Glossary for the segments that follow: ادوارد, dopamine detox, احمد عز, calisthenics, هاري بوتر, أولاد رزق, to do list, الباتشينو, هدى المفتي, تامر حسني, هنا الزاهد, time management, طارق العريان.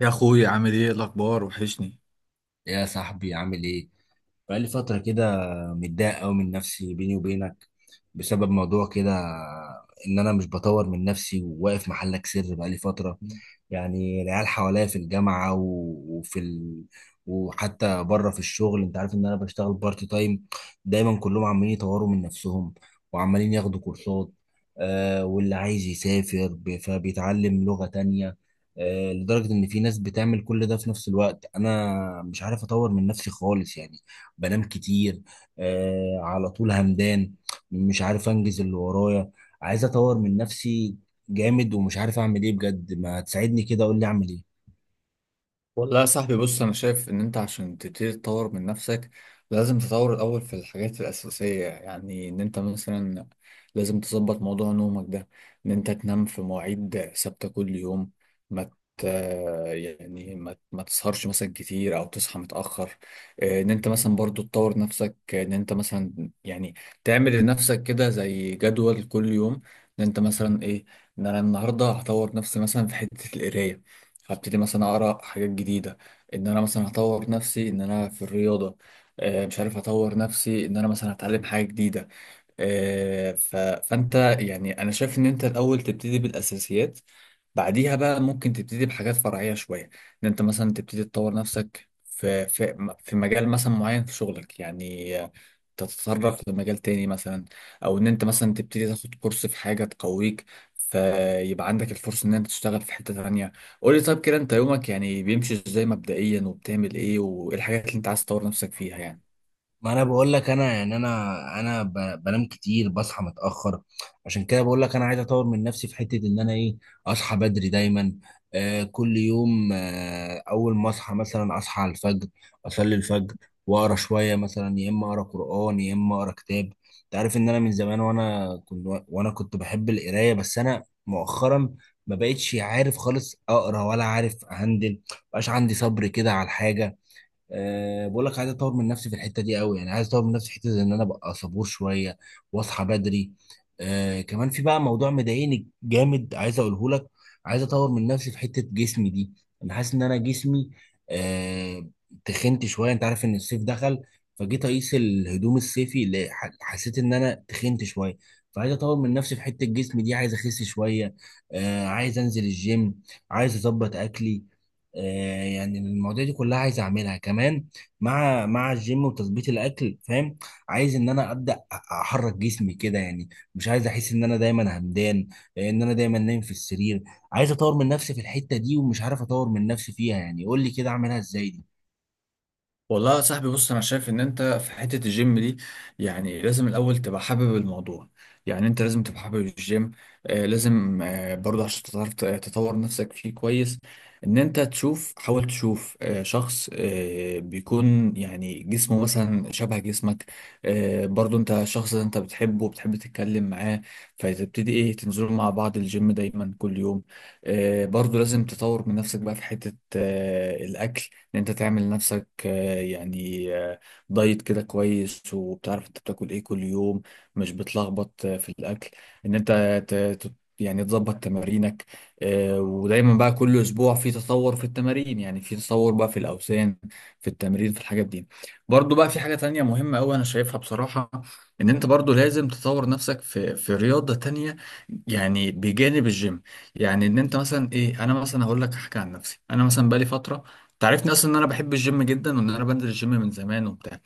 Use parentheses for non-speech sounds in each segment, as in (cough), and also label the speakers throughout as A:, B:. A: يا اخويا عامل ايه الاخبار؟ وحشني.
B: يا صاحبي عامل ايه؟ بقالي فترة كده، متضايق أوي من نفسي بيني وبينك بسبب موضوع كده. إن أنا مش بطور من نفسي وواقف محلك سر بقالي فترة. يعني العيال حواليا في الجامعة وفي وحتى بره في الشغل. أنت عارف إن أنا بشتغل بارت تايم. دايما كلهم عمالين يطوروا من نفسهم وعمالين ياخدوا كورسات. آه، واللي عايز يسافر فبيتعلم لغة تانية. آه، لدرجة إن في ناس بتعمل كل ده في نفس الوقت. أنا مش عارف أطور من نفسي خالص يعني. بنام كتير، آه، على طول همدان. مش عارف انجز اللي ورايا. عايز اطور من نفسي جامد، ومش عارف اعمل ايه بجد. ما تساعدني كده، قول لي اعمل ايه.
A: والله يا صاحبي، بص انا شايف ان انت عشان تبتدي تطور من نفسك لازم تطور الاول في الحاجات الاساسيه. يعني ان انت مثلا لازم تظبط موضوع نومك ده، ان انت تنام في مواعيد ثابته كل يوم. ما ت- يعني ما ما تسهرش مثلا كتير او تصحى متاخر. ان انت مثلا برضو تطور نفسك، ان انت مثلا يعني تعمل لنفسك كده زي جدول كل يوم. ان انت مثلا ايه، ان انا النهارده هطور نفسي مثلا في حته القرايه، هبتدي مثلا اقرا حاجات جديده. ان انا مثلا هطور نفسي ان انا في الرياضه. مش عارف اطور نفسي ان انا مثلا هتعلم حاجه جديده. فانت يعني انا شايف ان انت الاول تبتدي بالاساسيات، بعديها بقى ممكن تبتدي بحاجات فرعيه شويه. ان انت مثلا تبتدي تطور نفسك في مجال مثلا معين في شغلك، يعني تتطرق لمجال تاني مثلا، او ان انت مثلا تبتدي تاخد كورس في حاجه تقويك، فيبقى عندك الفرصه ان انت تشتغل في حته تانيه. قول لي طيب كده، انت يومك يعني بيمشي ازاي مبدئيا، وبتعمل ايه، وايه الحاجات اللي انت عايز تطور نفسك فيها يعني؟
B: ما انا بقول لك، انا يعني انا بنام كتير، بصحى متاخر. عشان كده بقول لك انا عايز اطور من نفسي في حته ان انا ايه. اصحى بدري دايما، آه، كل يوم. آه، اول ما اصحى مثلا اصحى على الفجر، اصلي الفجر واقرا شويه، مثلا يا اما اقرا قران يا اما اقرا كتاب. انت عارف ان انا من زمان، وانا كنت بحب القرايه، بس انا مؤخرا ما بقتش عارف خالص اقرا ولا عارف اهندل. مبقاش عندي صبر كده على الحاجه. أه، بقول لك عايز اطور من نفسي في الحته دي قوي. يعني عايز اطور من نفسي في حته ان انا ابقى صبور شويه واصحى بدري. أه، كمان في بقى موضوع مضايقني جامد عايز اقوله لك. عايز اطور من نفسي في حته جسمي دي. انا حاسس ان انا جسمي، أه، تخنت شويه. انت عارف ان الصيف دخل، فجيت اقيس الهدوم الصيفي، اللي حسيت ان انا تخنت شويه. فعايز اطور من نفسي في حته جسمي دي، عايز اخس شويه. أه، عايز انزل الجيم، عايز اظبط اكلي. آه، يعني المواضيع دي كلها عايز اعملها كمان. مع الجيم وتظبيط الاكل، فاهم؟ عايز ان انا ابدا احرك جسمي كده يعني. مش عايز احس ان انا دايما همدان، آه، ان انا دايما نايم في السرير. عايز اطور من نفسي في الحتة دي، ومش عارف اطور من نفسي فيها يعني. قول لي كده اعملها ازاي دي.
A: والله يا صاحبي، بص انا شايف ان انت في حته الجيم دي يعني لازم الاول تبقى حابب الموضوع، يعني انت لازم تبقى حابب الجيم. آه لازم برضه عشان تعرف تطور نفسك فيه كويس، ان انت تشوف، حاول تشوف شخص بيكون يعني جسمه مثلا شبه جسمك، برضه انت شخص انت بتحبه وبتحب تتكلم معاه، فتبتدي ايه تنزلوا مع بعض الجيم دايما كل يوم. برضه لازم تطور من نفسك بقى في حته الاكل، ان انت تعمل لنفسك دايت كده كويس، وبتعرف انت بتاكل ايه كل يوم، مش بتلخبط في الاكل. ان انت ت- ت- يعني تظبط تمارينك. ودايما بقى كل اسبوع في تطور في التمارين، يعني في تطور بقى في الاوزان، في التمرين، في الحاجات دي. برضو بقى في حاجة تانية مهمة قوي انا شايفها بصراحة، ان انت برضو لازم تطور نفسك في رياضة تانية يعني بجانب الجيم. يعني ان انت مثلا ايه، انا مثلا هقول لك حاجة عن نفسي، انا مثلا بقالي فترة، تعرفني اصلا ان انا بحب الجيم جدا وان انا بنزل الجيم من زمان وبتاع.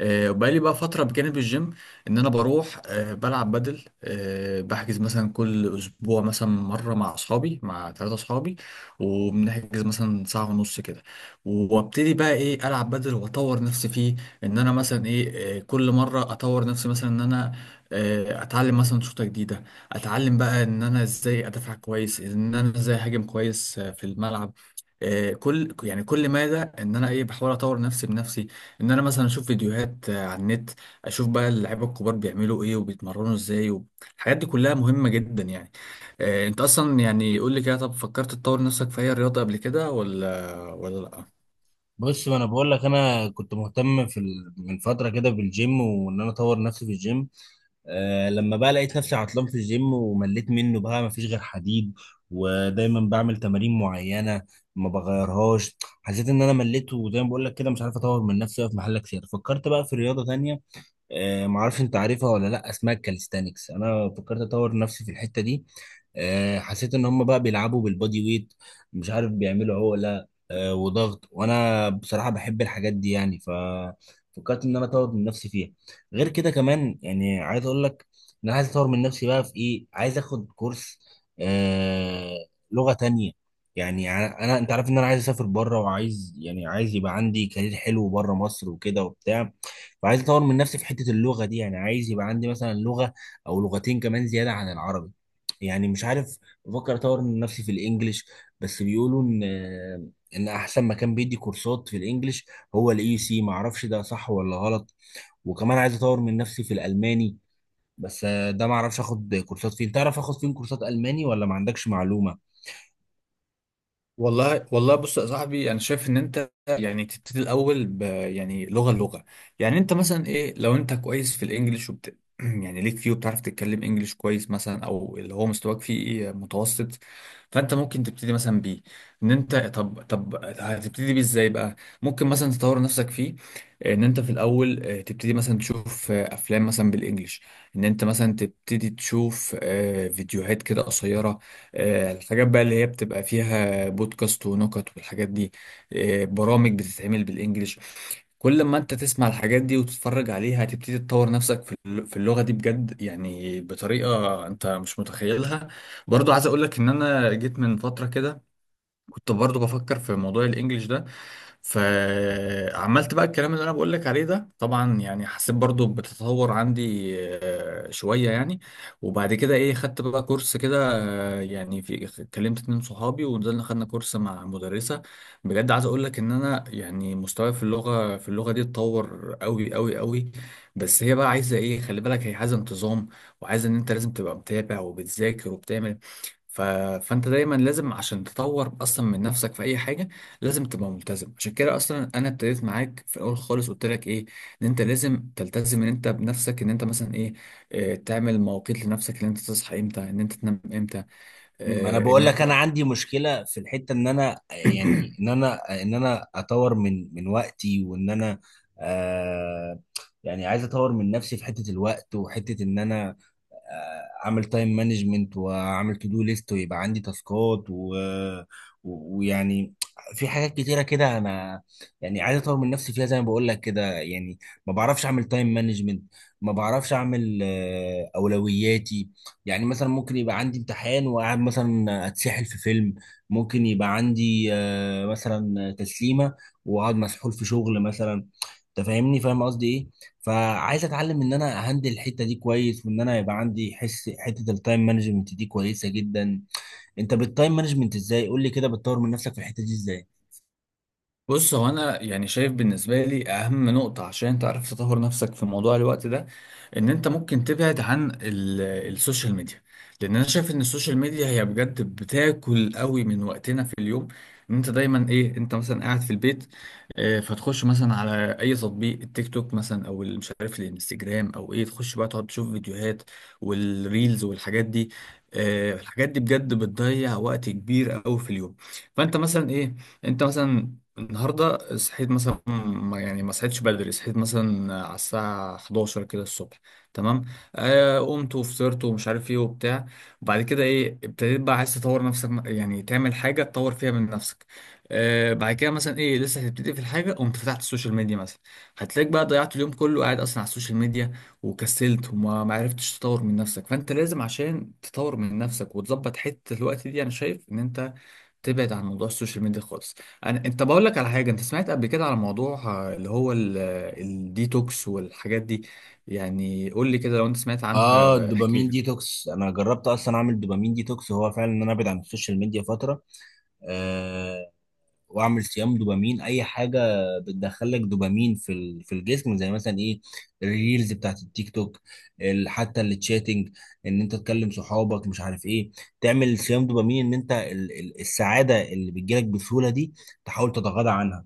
A: بقالي بقى فترة بجانب الجيم إن أنا بروح، بلعب بدل. بحجز مثلا كل أسبوع مثلا مرة مع أصحابي، مع ثلاثة أصحابي، وبنحجز مثلا ساعة ونص كده، وأبتدي بقى إيه ألعب بدل وأطور نفسي فيه. إن أنا مثلا إيه، كل مرة أطور نفسي مثلا إن أنا أتعلم مثلا شوطة جديدة، أتعلم بقى إن أنا إزاي أدافع كويس، إن أنا إزاي أهاجم كويس في الملعب. كل يعني كل مادة ان انا ايه بحاول اطور نفسي بنفسي، ان انا مثلا اشوف فيديوهات على النت، اشوف بقى اللعيبه الكبار بيعملوا ايه وبيتمرنوا ازاي و... الحاجات دي كلها مهمه جدا يعني. انت اصلا يعني قول لي كده، طب فكرت تطور نفسك في اي رياضه قبل كده ولا لا؟
B: بص، ما انا بقول لك انا كنت مهتم من فتره كده بالجيم، وان انا اطور نفسي في الجيم. آه، لما بقى لقيت نفسي عطلان في الجيم ومليت منه، بقى ما فيش غير حديد ودايما بعمل تمارين معينه ما بغيرهاش. حسيت ان انا مليت، وزي ما بقول لك كده مش عارف اطور من نفسي أوي في محل كتير. فكرت بقى في رياضه تانية. آه، معرفش انت عارفها ولا لا، اسمها الكاليستانكس. انا فكرت اطور نفسي في الحته دي. آه، حسيت ان هم بقى بيلعبوا بالبادي ويت، مش عارف بيعملوا عقله، آه، وضغط. وانا بصراحه بحب الحاجات دي يعني، ففكرت ان انا اطور من نفسي فيها. غير كده كمان يعني عايز اقول لك ان انا عايز اطور من نفسي بقى في ايه، عايز اخد كورس، آه، لغه تانية. يعني انا انت عارف ان انا عايز اسافر بره، وعايز يعني عايز يبقى عندي كارير حلو بره مصر وكده وبتاع. فعايز اطور من نفسي في حته اللغه دي. يعني عايز يبقى عندي مثلا لغه او لغتين كمان زياده عن العربي. يعني مش عارف، بفكر اطور من نفسي في الانجليش. بس بيقولوا ان احسن مكان بيدي كورسات في الانجليش هو الاي سي، ما اعرفش ده صح ولا غلط. وكمان عايز اطور من نفسي في الالماني، بس ده ما اعرفش اخد كورسات فين. تعرف اخد فين كورسات الماني ولا ما عندكش معلومه؟
A: والله بص يا صاحبي، انا شايف ان انت يعني تبتدي الاول ب يعني لغه. يعني انت مثلا ايه، لو انت كويس في الانجليش وبت (clears throat) يعني ليك فيه وبتعرف تتكلم انجليش كويس مثلا، او اللي هو مستواك فيه ايه متوسط، فانت ممكن تبتدي مثلا بيه. ان انت طب هتبتدي بيه ازاي بقى؟ ممكن مثلا تطور نفسك فيه ان انت في الاول تبتدي مثلا تشوف افلام مثلا بالانجليش، ان انت مثلا تبتدي تشوف فيديوهات كده قصيره، الحاجات بقى اللي هي بتبقى فيها بودكاست ونكت والحاجات دي، برامج بتتعمل بالانجلش. كل ما انت تسمع الحاجات دي وتتفرج عليها هتبتدي تطور نفسك في اللغة دي بجد، يعني بطريقة انت مش متخيلها. برضو عايز اقولك ان انا جيت من فترة كده كنت برضو بفكر في موضوع الانجليش ده، فعملت بقى الكلام اللي انا بقول لك عليه ده، طبعا يعني حسيت برضو بتتطور عندي شويه يعني. وبعد كده ايه خدت بقى كورس كده. آه، يعني في كلمت اتنين صحابي ونزلنا خدنا كورس مع مدرسه. بجد عايز اقول لك ان انا يعني مستواي في اللغه دي اتطور قوي قوي قوي. بس هي بقى عايزه ايه، خلي بالك، هي عايزه انتظام، وعايزه ان انت لازم تبقى متابع وبتذاكر وبتعمل. ف... فانت دايما لازم عشان تطور اصلا من نفسك في اي حاجه لازم تبقى ملتزم. عشان كده اصلا انا ابتديت معاك في الاول خالص، قلت لك ايه، ان انت لازم تلتزم ان انت بنفسك. ان انت مثلا ايه، تعمل مواقيت لنفسك، ان انت تصحى امتى، ان انت تنام امتى.
B: ما انا
A: ان
B: بقول لك انا
A: انت
B: عندي مشكله في الحته ان انا، يعني
A: (clears throat)
B: ان انا اطور من وقتي، وان انا، آه، يعني عايز اطور من نفسي في حته الوقت وحته ان انا، آه، اعمل تايم مانجمنت واعمل تو دو ليست ويبقى عندي تاسكات ويعني في حاجات كتيره كده انا، يعني عايز اطور من نفسي فيها زي ما بقول لك كده يعني. ما بعرفش اعمل تايم مانجمنت، ما بعرفش اعمل، آه، اولوياتي. يعني مثلا ممكن يبقى عندي امتحان وقاعد مثلا اتسحل في فيلم. ممكن يبقى عندي، آه، مثلا تسليمه واقعد مسحول في شغل مثلا. انت فاهمني، فاهم قصدي ايه. فعايز اتعلم ان انا اهندل الحته دي كويس، وان انا يبقى عندي حس حته التايم مانجمنت دي كويسه جدا. انت بالتايم مانجمنت ازاي؟ قول لي كده، بتطور من نفسك في الحته دي ازاي؟
A: بص، هو انا يعني شايف بالنسبه لي اهم نقطه عشان تعرف تطور نفسك في موضوع الوقت ده ان انت ممكن تبعد عن السوشيال ميديا، لان انا شايف ان السوشيال ميديا هي بجد بتاكل قوي من وقتنا في اليوم. ان انت دايما ايه، انت مثلا قاعد في البيت، فتخش مثلا على اي تطبيق، التيك توك مثلا، او مش عارف الانستجرام او ايه، تخش بقى تقعد تشوف فيديوهات والريلز والحاجات دي. الحاجات دي بجد بتضيع وقت كبير قوي في اليوم. فانت مثلا ايه، انت مثلا النهارده صحيت مثلا، ما يعني ما صحيتش بدري، صحيت مثلا على الساعة 11 كده الصبح، تمام. آه قمت وفطرت ومش عارف ايه وبتاع. وبعد كده ايه ابتديت بقى عايز تطور نفسك، يعني تعمل حاجة تطور فيها من نفسك. آه بعد كده مثلا ايه، لسه هتبتدي في الحاجة، قمت فتحت السوشيال ميديا مثلا، هتلاقيك بقى ضيعت اليوم كله قاعد اصلا على السوشيال ميديا وكسلت، وما ما عرفتش تطور من نفسك. فانت لازم عشان تطور من نفسك وتظبط حتة الوقت دي انا شايف ان انت تبعد عن موضوع السوشيال ميديا خالص. انت بقول لك على حاجه، انت سمعت قبل كده على موضوع آه، اللي هو ال- آه، الديتوكس والحاجات دي؟ يعني قول لي كده، لو انت سمعت
B: اه،
A: عنها احكي
B: الدوبامين
A: لي.
B: ديتوكس، انا جربت اصلا اعمل دوبامين ديتوكس. هو فعلا ان انا ابعد عن السوشيال ميديا فتره، واعمل صيام دوبامين اي حاجه بتدخلك دوبامين في في الجسم. زي مثلا ايه، الريلز بتاعت التيك توك، حتى التشاتنج ان انت تكلم صحابك مش عارف ايه. تعمل صيام دوبامين، ان انت السعاده اللي بتجيلك بسهوله دي تحاول تتغاضى عنها.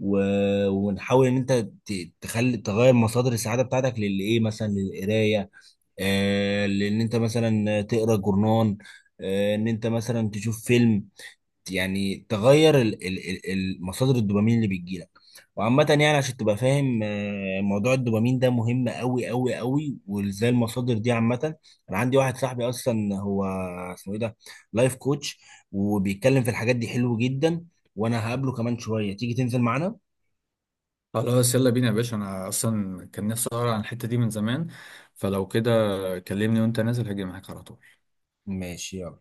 B: ونحاول ان انت تخلي تغير مصادر السعاده بتاعتك للي ايه، مثلا للقرايه. آه، لان انت مثلا تقرا جورنان، آه، ان انت مثلا تشوف فيلم. يعني تغير مصادر الدوبامين اللي بتجيلك. وعامة يعني عشان تبقى فاهم، آه، موضوع الدوبامين ده مهم قوي قوي قوي، وازاي المصادر دي عامة. انا عندي واحد صاحبي اصلا، هو اسمه ايه ده، لايف كوتش، وبيتكلم في الحاجات دي حلو جدا. وانا هقابله كمان شوية، تيجي تنزل معانا؟
A: خلاص يلا بينا يا باشا، انا اصلا كان نفسي اقرا عن الحته دي من زمان، فلو كده كلمني وانت نازل هاجي معاك على طول.
B: ماشي، يلا.